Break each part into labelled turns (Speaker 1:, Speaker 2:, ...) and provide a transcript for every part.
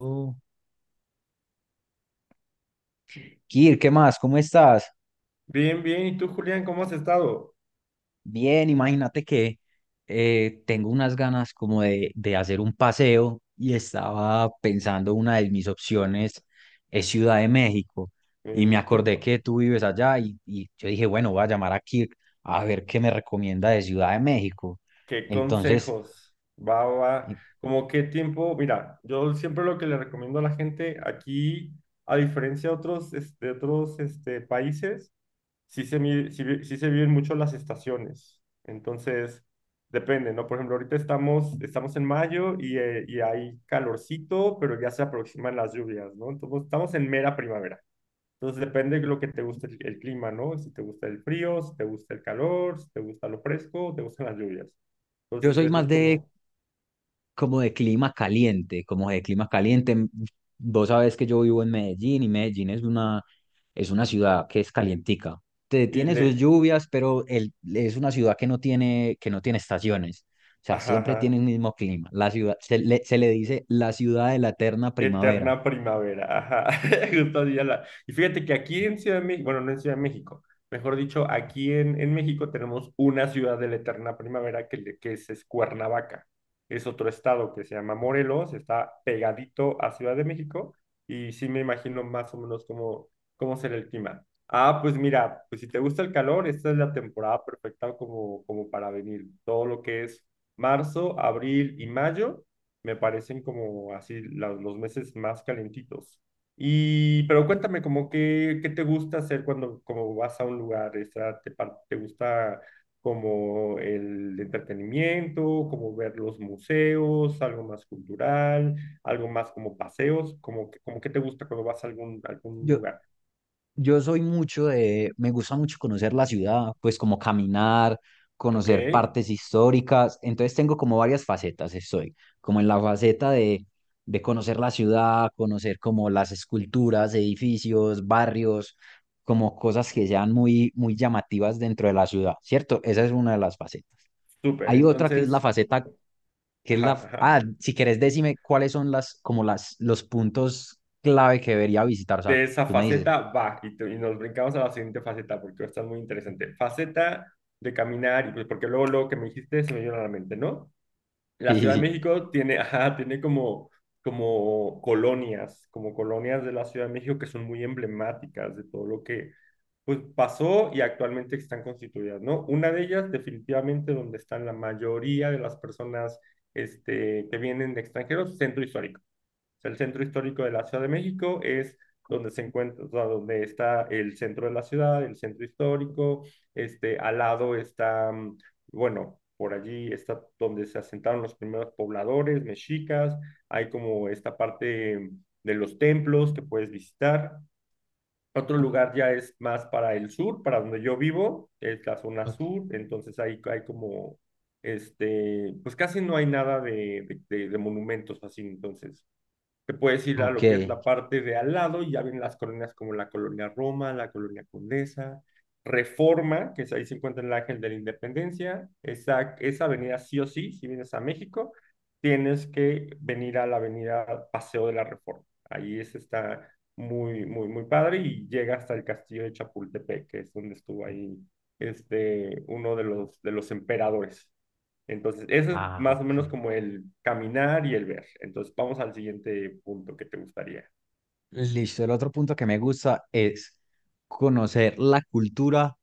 Speaker 1: Oh. Kir, ¿qué más? ¿Cómo estás?
Speaker 2: Bien, bien. ¿Y tú, Julián, cómo has estado?
Speaker 1: Bien, imagínate que tengo unas ganas como de hacer un paseo y estaba pensando una de mis opciones es Ciudad de México y me
Speaker 2: Venirte
Speaker 1: acordé
Speaker 2: pa-
Speaker 1: que tú vives allá y yo dije, bueno, voy a llamar a Kir a ver qué me recomienda de Ciudad de México.
Speaker 2: ¿Qué
Speaker 1: Entonces,
Speaker 2: consejos? Va.
Speaker 1: eh,
Speaker 2: ¿Cómo qué tiempo? Mira, yo siempre lo que le recomiendo a la gente aquí, a diferencia de otros, otros, países, sí se, mi- sí, vi- sí se viven mucho las estaciones. Entonces, depende, ¿no? Por ejemplo, ahorita estamos en mayo y hay calorcito, pero ya se aproximan las lluvias, ¿no? Entonces, estamos en mera primavera. Entonces depende de lo que te guste el clima, ¿no? Si te gusta el frío, si te gusta el calor, si te gusta lo fresco, te gustan las lluvias.
Speaker 1: yo
Speaker 2: Entonces
Speaker 1: soy
Speaker 2: eso
Speaker 1: más
Speaker 2: es
Speaker 1: de
Speaker 2: como,
Speaker 1: como de clima caliente, como de clima caliente. Vos sabés que yo vivo en Medellín y Medellín es una ciudad que es calientica.
Speaker 2: y
Speaker 1: Tiene sus
Speaker 2: le,
Speaker 1: lluvias, pero es una ciudad que no tiene estaciones. O sea,
Speaker 2: ajá,
Speaker 1: siempre tiene el
Speaker 2: ajá.
Speaker 1: mismo clima. La ciudad, se le dice la ciudad de la eterna primavera.
Speaker 2: Eterna primavera, ajá, justo así ya la- Y fíjate que aquí en Ciudad de México, bueno, no en Ciudad de México, mejor dicho, aquí en México tenemos una ciudad de la eterna primavera que es Cuernavaca. Es otro estado que se llama Morelos, está pegadito a Ciudad de México y sí me imagino más o menos cómo será el clima. Ah, pues mira, pues si te gusta el calor, esta es la temporada perfecta como para venir. Todo lo que es marzo, abril y mayo me parecen como así los meses más calentitos. Y, pero cuéntame, qué te gusta hacer cuando como vas a un lugar. Te gusta como el entretenimiento, como ver los museos, algo más cultural, algo más como paseos, como qué te gusta cuando vas a algún
Speaker 1: Yo,
Speaker 2: lugar.
Speaker 1: Yo soy mucho de, me gusta mucho conocer la ciudad, pues como caminar,
Speaker 2: Ok,
Speaker 1: conocer partes históricas. Entonces tengo como varias facetas, estoy como en la faceta de conocer la ciudad, conocer como las esculturas, edificios, barrios, como cosas que sean muy, muy llamativas dentro de la ciudad, ¿cierto? Esa es una de las facetas.
Speaker 2: súper,
Speaker 1: Hay otra que es la
Speaker 2: entonces,
Speaker 1: faceta, que es
Speaker 2: ajá,
Speaker 1: la,
Speaker 2: ajá.
Speaker 1: si querés decime cuáles son como los puntos clave que debería visitar. O sea,
Speaker 2: De esa
Speaker 1: tú me dices.
Speaker 2: faceta va y nos brincamos a la siguiente faceta porque está muy interesante. Faceta de caminar y pues porque luego lo que me dijiste se me vino a la mente, ¿no? La
Speaker 1: Sí, sí,
Speaker 2: Ciudad de
Speaker 1: sí.
Speaker 2: México tiene, ajá, tiene como colonias de la Ciudad de México que son muy emblemáticas de todo lo que pues pasó y actualmente están constituidas, ¿no? Una de ellas definitivamente donde están la mayoría de las personas que vienen de extranjeros, centro histórico. El centro histórico de la Ciudad de México es donde se encuentra, o sea, donde está el centro de la ciudad, el centro histórico, al lado está, bueno, por allí está donde se asentaron los primeros pobladores mexicas, hay como esta parte de los templos que puedes visitar. Otro lugar ya es más para el sur, para donde yo vivo, es la zona
Speaker 1: Ok.
Speaker 2: sur, entonces ahí hay como, pues casi no hay nada de monumentos así, entonces te puedes ir a
Speaker 1: Ok.
Speaker 2: lo que es la parte de al lado y ya ven las colonias como la Colonia Roma, la Colonia Condesa, Reforma, que es ahí se encuentra el Ángel de la Independencia, esa avenida sí o sí, si vienes a México, tienes que venir a la avenida Paseo de la Reforma. Ahí es, está muy, muy, muy padre y llega hasta el castillo de Chapultepec, que es donde estuvo ahí uno de los emperadores. Entonces, eso es
Speaker 1: Ah,
Speaker 2: más o
Speaker 1: ok,
Speaker 2: menos como el caminar y el ver. Entonces, vamos al siguiente punto que te gustaría.
Speaker 1: listo. El otro punto que me gusta es conocer la cultura,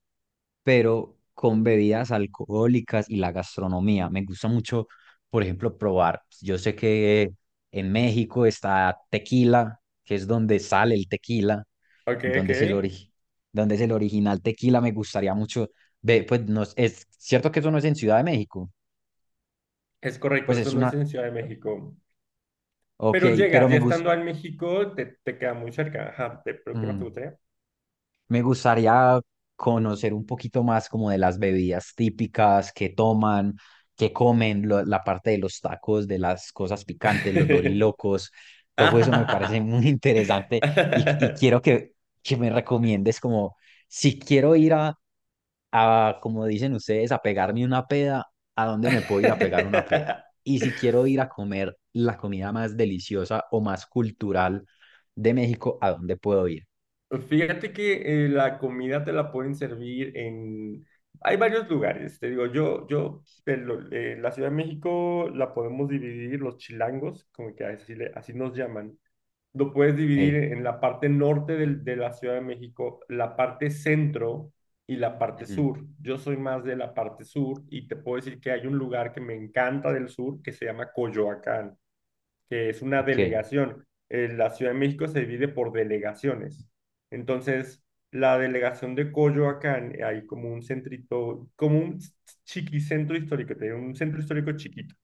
Speaker 1: pero con bebidas alcohólicas y la gastronomía. Me gusta mucho, por ejemplo, probar. Yo sé que en México está tequila, que es donde sale el tequila,
Speaker 2: Ok, ok.
Speaker 1: donde donde es el original tequila. Me gustaría mucho ve, pues no es cierto que eso no es en Ciudad de México.
Speaker 2: Es correcto,
Speaker 1: Pues
Speaker 2: eso
Speaker 1: es
Speaker 2: no es
Speaker 1: una,
Speaker 2: en Ciudad de México.
Speaker 1: ok,
Speaker 2: Pero
Speaker 1: pero
Speaker 2: llegas, ya
Speaker 1: me gusta.
Speaker 2: estando en México, te queda muy cerca. Ajá, pero ¿qué más te gustaría?
Speaker 1: Me gustaría conocer un poquito más como de las bebidas típicas que toman, que comen, la parte de los tacos, de las cosas picantes, los dorilocos. Todo eso me parece
Speaker 2: Ah.
Speaker 1: muy interesante y quiero que me recomiendes como si quiero ir a, como dicen ustedes, a pegarme una peda, ¿a dónde me puedo ir a pegar una peda? Y si quiero ir a comer la comida más deliciosa o más cultural de México, ¿a dónde puedo ir?
Speaker 2: Fíjate que la comida te la pueden servir en... Hay varios lugares, te digo, yo, la Ciudad de México la podemos dividir, los chilangos, como que así, así nos llaman, lo puedes dividir
Speaker 1: Eh,
Speaker 2: en la parte norte de la Ciudad de México, la parte centro y la parte
Speaker 1: ujú.
Speaker 2: sur. Yo soy más de la parte sur y te puedo decir que hay un lugar que me encanta del sur que se llama Coyoacán, que es una
Speaker 1: Ok.
Speaker 2: delegación. La Ciudad de México se divide por delegaciones. Entonces, la delegación de Coyoacán, hay como un centrito, como un chiquicentro histórico, tiene un centro histórico chiquito.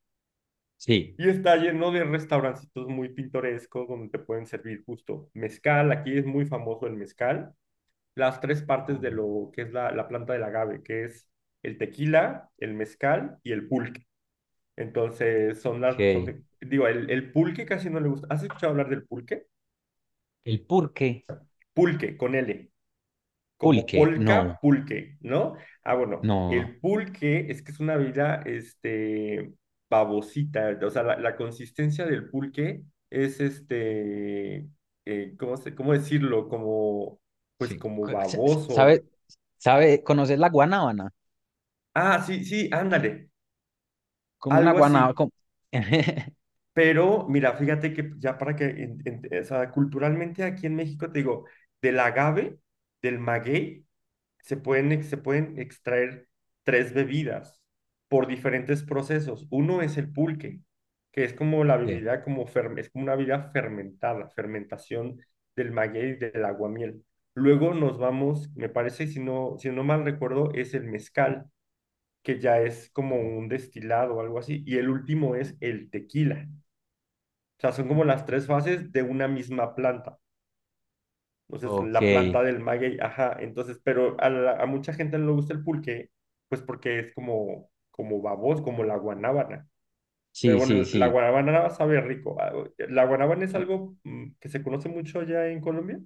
Speaker 1: Sí.
Speaker 2: Y está lleno de restaurancitos muy pintorescos donde te pueden servir justo mezcal. Aquí es muy famoso el mezcal. Las tres partes de
Speaker 1: Joder.
Speaker 2: lo que es la planta del agave, que es el tequila, el mezcal y el pulque. Entonces, son
Speaker 1: Ok.
Speaker 2: las, son de- digo, el pulque casi no le gusta. ¿Has escuchado hablar del pulque?
Speaker 1: El pulque,
Speaker 2: Pulque, con L, como
Speaker 1: pulque, no,
Speaker 2: polka, pulque, ¿no? Ah, bueno,
Speaker 1: no,
Speaker 2: el pulque es que es una bebida, babosita, o sea, la consistencia del pulque es, ¿cómo cómo decirlo? Como, pues
Speaker 1: sí.
Speaker 2: como
Speaker 1: ¿Sabe,
Speaker 2: baboso.
Speaker 1: sabe, conoces la guanábana?
Speaker 2: Ah, sí, sí, ándale,
Speaker 1: Como una
Speaker 2: algo
Speaker 1: guanábana.
Speaker 2: así.
Speaker 1: Como…
Speaker 2: Pero mira, fíjate que ya para que, o sea, culturalmente aquí en México, te digo, del agave, del maguey, se pueden extraer tres bebidas por diferentes procesos. Uno es el pulque, que es como la
Speaker 1: Sí.
Speaker 2: bebida, es como una bebida fermentada, fermentación del maguey, del aguamiel. Luego nos vamos, me parece, si no mal recuerdo, es el mezcal, que ya es como
Speaker 1: Ujú.
Speaker 2: un destilado o algo así. Y el último es el tequila, o sea, son como las tres fases de una misma planta. Entonces,
Speaker 1: Ok,
Speaker 2: la planta del maguey, ajá. Entonces, pero a mucha gente no le gusta el pulque, pues porque es como, como baboso, como la guanábana. Pero
Speaker 1: sí,
Speaker 2: bueno,
Speaker 1: sí,
Speaker 2: la
Speaker 1: sí.
Speaker 2: guanábana sabe rico. Ah, la guanábana es algo que se conoce mucho allá en Colombia.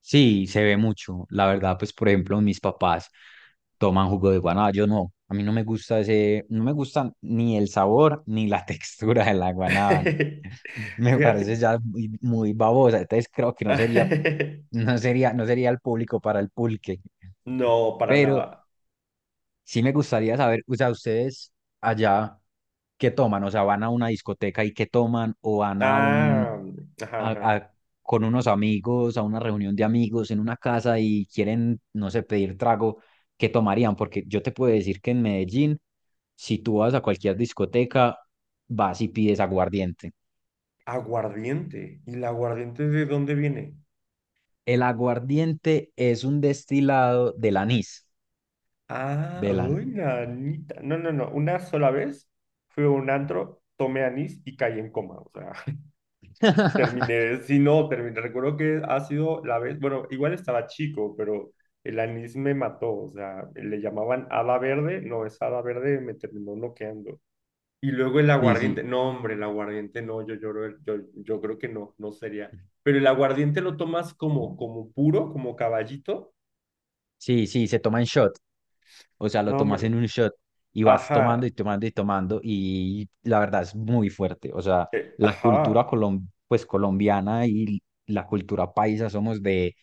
Speaker 1: Sí, se ve mucho. La verdad, pues, por ejemplo, mis papás toman jugo de guanábana. Yo no, a mí no me gusta ese, no me gusta ni el sabor ni la textura de la guanábana. Me parece
Speaker 2: Fíjate.
Speaker 1: ya muy, muy babosa. Entonces creo que no sería. No sería, no sería el público para el pulque.
Speaker 2: No, para
Speaker 1: Pero
Speaker 2: nada.
Speaker 1: sí me gustaría saber, o sea, ustedes allá, ¿qué toman? O sea, ¿van a una discoteca y qué toman? ¿O van a un,
Speaker 2: Ah, mm, ajá,
Speaker 1: a-
Speaker 2: ajá.
Speaker 1: a- con unos amigos, a una reunión de amigos en una casa y quieren, no sé, pedir trago? ¿Qué tomarían? Porque yo te puedo decir que en Medellín, si tú vas a cualquier discoteca, vas y pides aguardiente.
Speaker 2: Aguardiente. ¿Y el aguardiente de dónde viene?
Speaker 1: El aguardiente es un destilado del anís,
Speaker 2: Ah,
Speaker 1: del anís.
Speaker 2: uy, nanita. No, no, no. Una sola vez fui a un antro, tomé anís y caí en coma. O sea, terminé. Sí, no, terminé. Recuerdo que ha sido la vez. Bueno, igual estaba chico, pero el anís me mató. O sea, le llamaban hada verde. No, es hada verde, me terminó noqueando. Y luego el
Speaker 1: Sí,
Speaker 2: aguardiente.
Speaker 1: sí.
Speaker 2: No, hombre, el aguardiente no. Yo lloro. Yo, yo creo que no, no sería. Pero el aguardiente lo tomas como, como puro, como caballito.
Speaker 1: Sí, sí, se toma en shot. O sea, lo
Speaker 2: No,
Speaker 1: tomas en
Speaker 2: hombre.
Speaker 1: un shot y vas tomando y
Speaker 2: Ajá.
Speaker 1: tomando y tomando y la verdad es muy fuerte. O sea,
Speaker 2: Ajá.
Speaker 1: pues, colombiana y la cultura paisa somos de,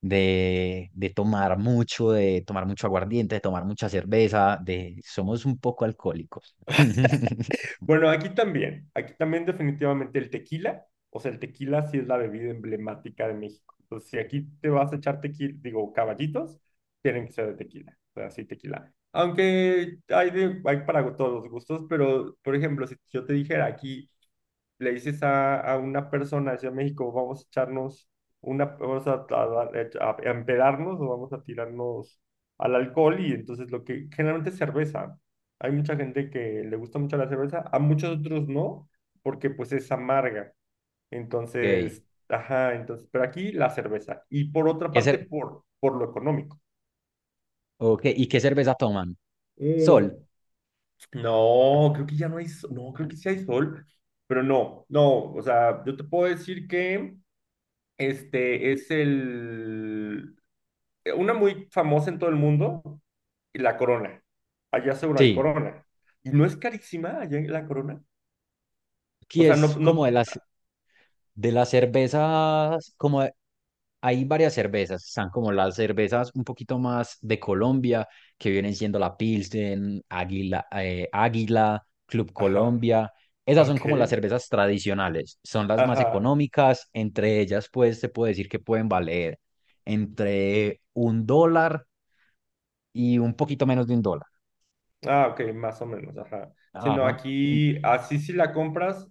Speaker 1: de tomar mucho, de tomar mucho aguardiente, de tomar mucha cerveza, de somos un poco alcohólicos.
Speaker 2: Bueno, aquí también definitivamente el tequila, o sea, el tequila sí es la bebida emblemática de México. Entonces, si aquí te vas a echar tequila, digo, caballitos, tienen que ser de tequila, o sea, sí, tequila. Aunque hay, hay para todos los gustos, pero, por ejemplo, si yo te dijera aquí, le dices a una persona de Ciudad de México, vamos a echarnos una, vamos a empedarnos o vamos a tirarnos al alcohol y entonces lo que generalmente es cerveza. Hay mucha gente que le gusta mucho la cerveza, a muchos otros no, porque pues es amarga.
Speaker 1: Okay.
Speaker 2: Entonces, ajá, entonces, pero aquí la cerveza. Y por otra
Speaker 1: ¿Qué
Speaker 2: parte,
Speaker 1: cer-
Speaker 2: por lo económico.
Speaker 1: ok, ¿y qué cerveza toman? Sol.
Speaker 2: Mm, no, creo que ya no hay, no, creo que sí hay sol, pero no, no, o sea, yo te puedo decir que este es el una muy famosa en todo el mundo, la Corona. Allá seguro hay
Speaker 1: Sí.
Speaker 2: Corona. Y no es carísima allá en la Corona. O
Speaker 1: Aquí
Speaker 2: sea, no,
Speaker 1: es como de
Speaker 2: no,
Speaker 1: las. De las cervezas, como de- hay varias cervezas, están como las cervezas un poquito más de Colombia, que vienen siendo la Pilsen, Águila, Águila, Club
Speaker 2: ajá,
Speaker 1: Colombia. Esas son
Speaker 2: ok,
Speaker 1: como las cervezas tradicionales, son las más
Speaker 2: ajá.
Speaker 1: económicas, entre ellas pues se puede decir que pueden valer entre un dólar y un poquito menos de un dólar.
Speaker 2: Ah, ok, más o menos, ajá. Sino
Speaker 1: Ajá.
Speaker 2: aquí, así si la compras,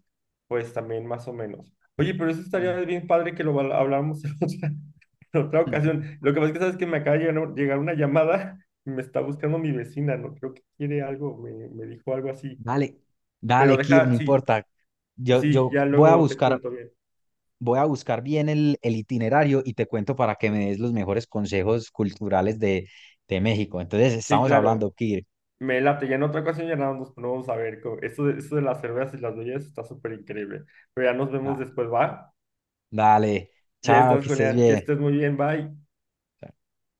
Speaker 2: pues también más o menos. Oye, pero eso
Speaker 1: Mm,
Speaker 2: estaría
Speaker 1: mm.
Speaker 2: bien padre que habláramos en otra, en otra ocasión. Lo que pasa es que sabes que me acaba de llegar una llamada y me está buscando mi vecina, ¿no? Creo que quiere algo, me dijo algo así.
Speaker 1: Dale,
Speaker 2: Pero
Speaker 1: dale, Kir, no
Speaker 2: deja, sí,
Speaker 1: importa. Yo,
Speaker 2: sí,
Speaker 1: yo
Speaker 2: ya
Speaker 1: voy a
Speaker 2: luego te
Speaker 1: buscar
Speaker 2: cuento bien.
Speaker 1: Voy a buscar bien el itinerario y te cuento para que me des los mejores consejos culturales de México. Entonces,
Speaker 2: Sí,
Speaker 1: estamos hablando,
Speaker 2: claro,
Speaker 1: Kir.
Speaker 2: me late. Ya en otra ocasión ya nada más nos ponemos a ver. Esto de las cervezas y las bebidas está súper increíble. Pero ya nos vemos
Speaker 1: Ah,
Speaker 2: después, ¿va?
Speaker 1: dale,
Speaker 2: Ya
Speaker 1: chao,
Speaker 2: estás,
Speaker 1: que estés
Speaker 2: Julián. Que
Speaker 1: bien.
Speaker 2: estés muy bien, bye.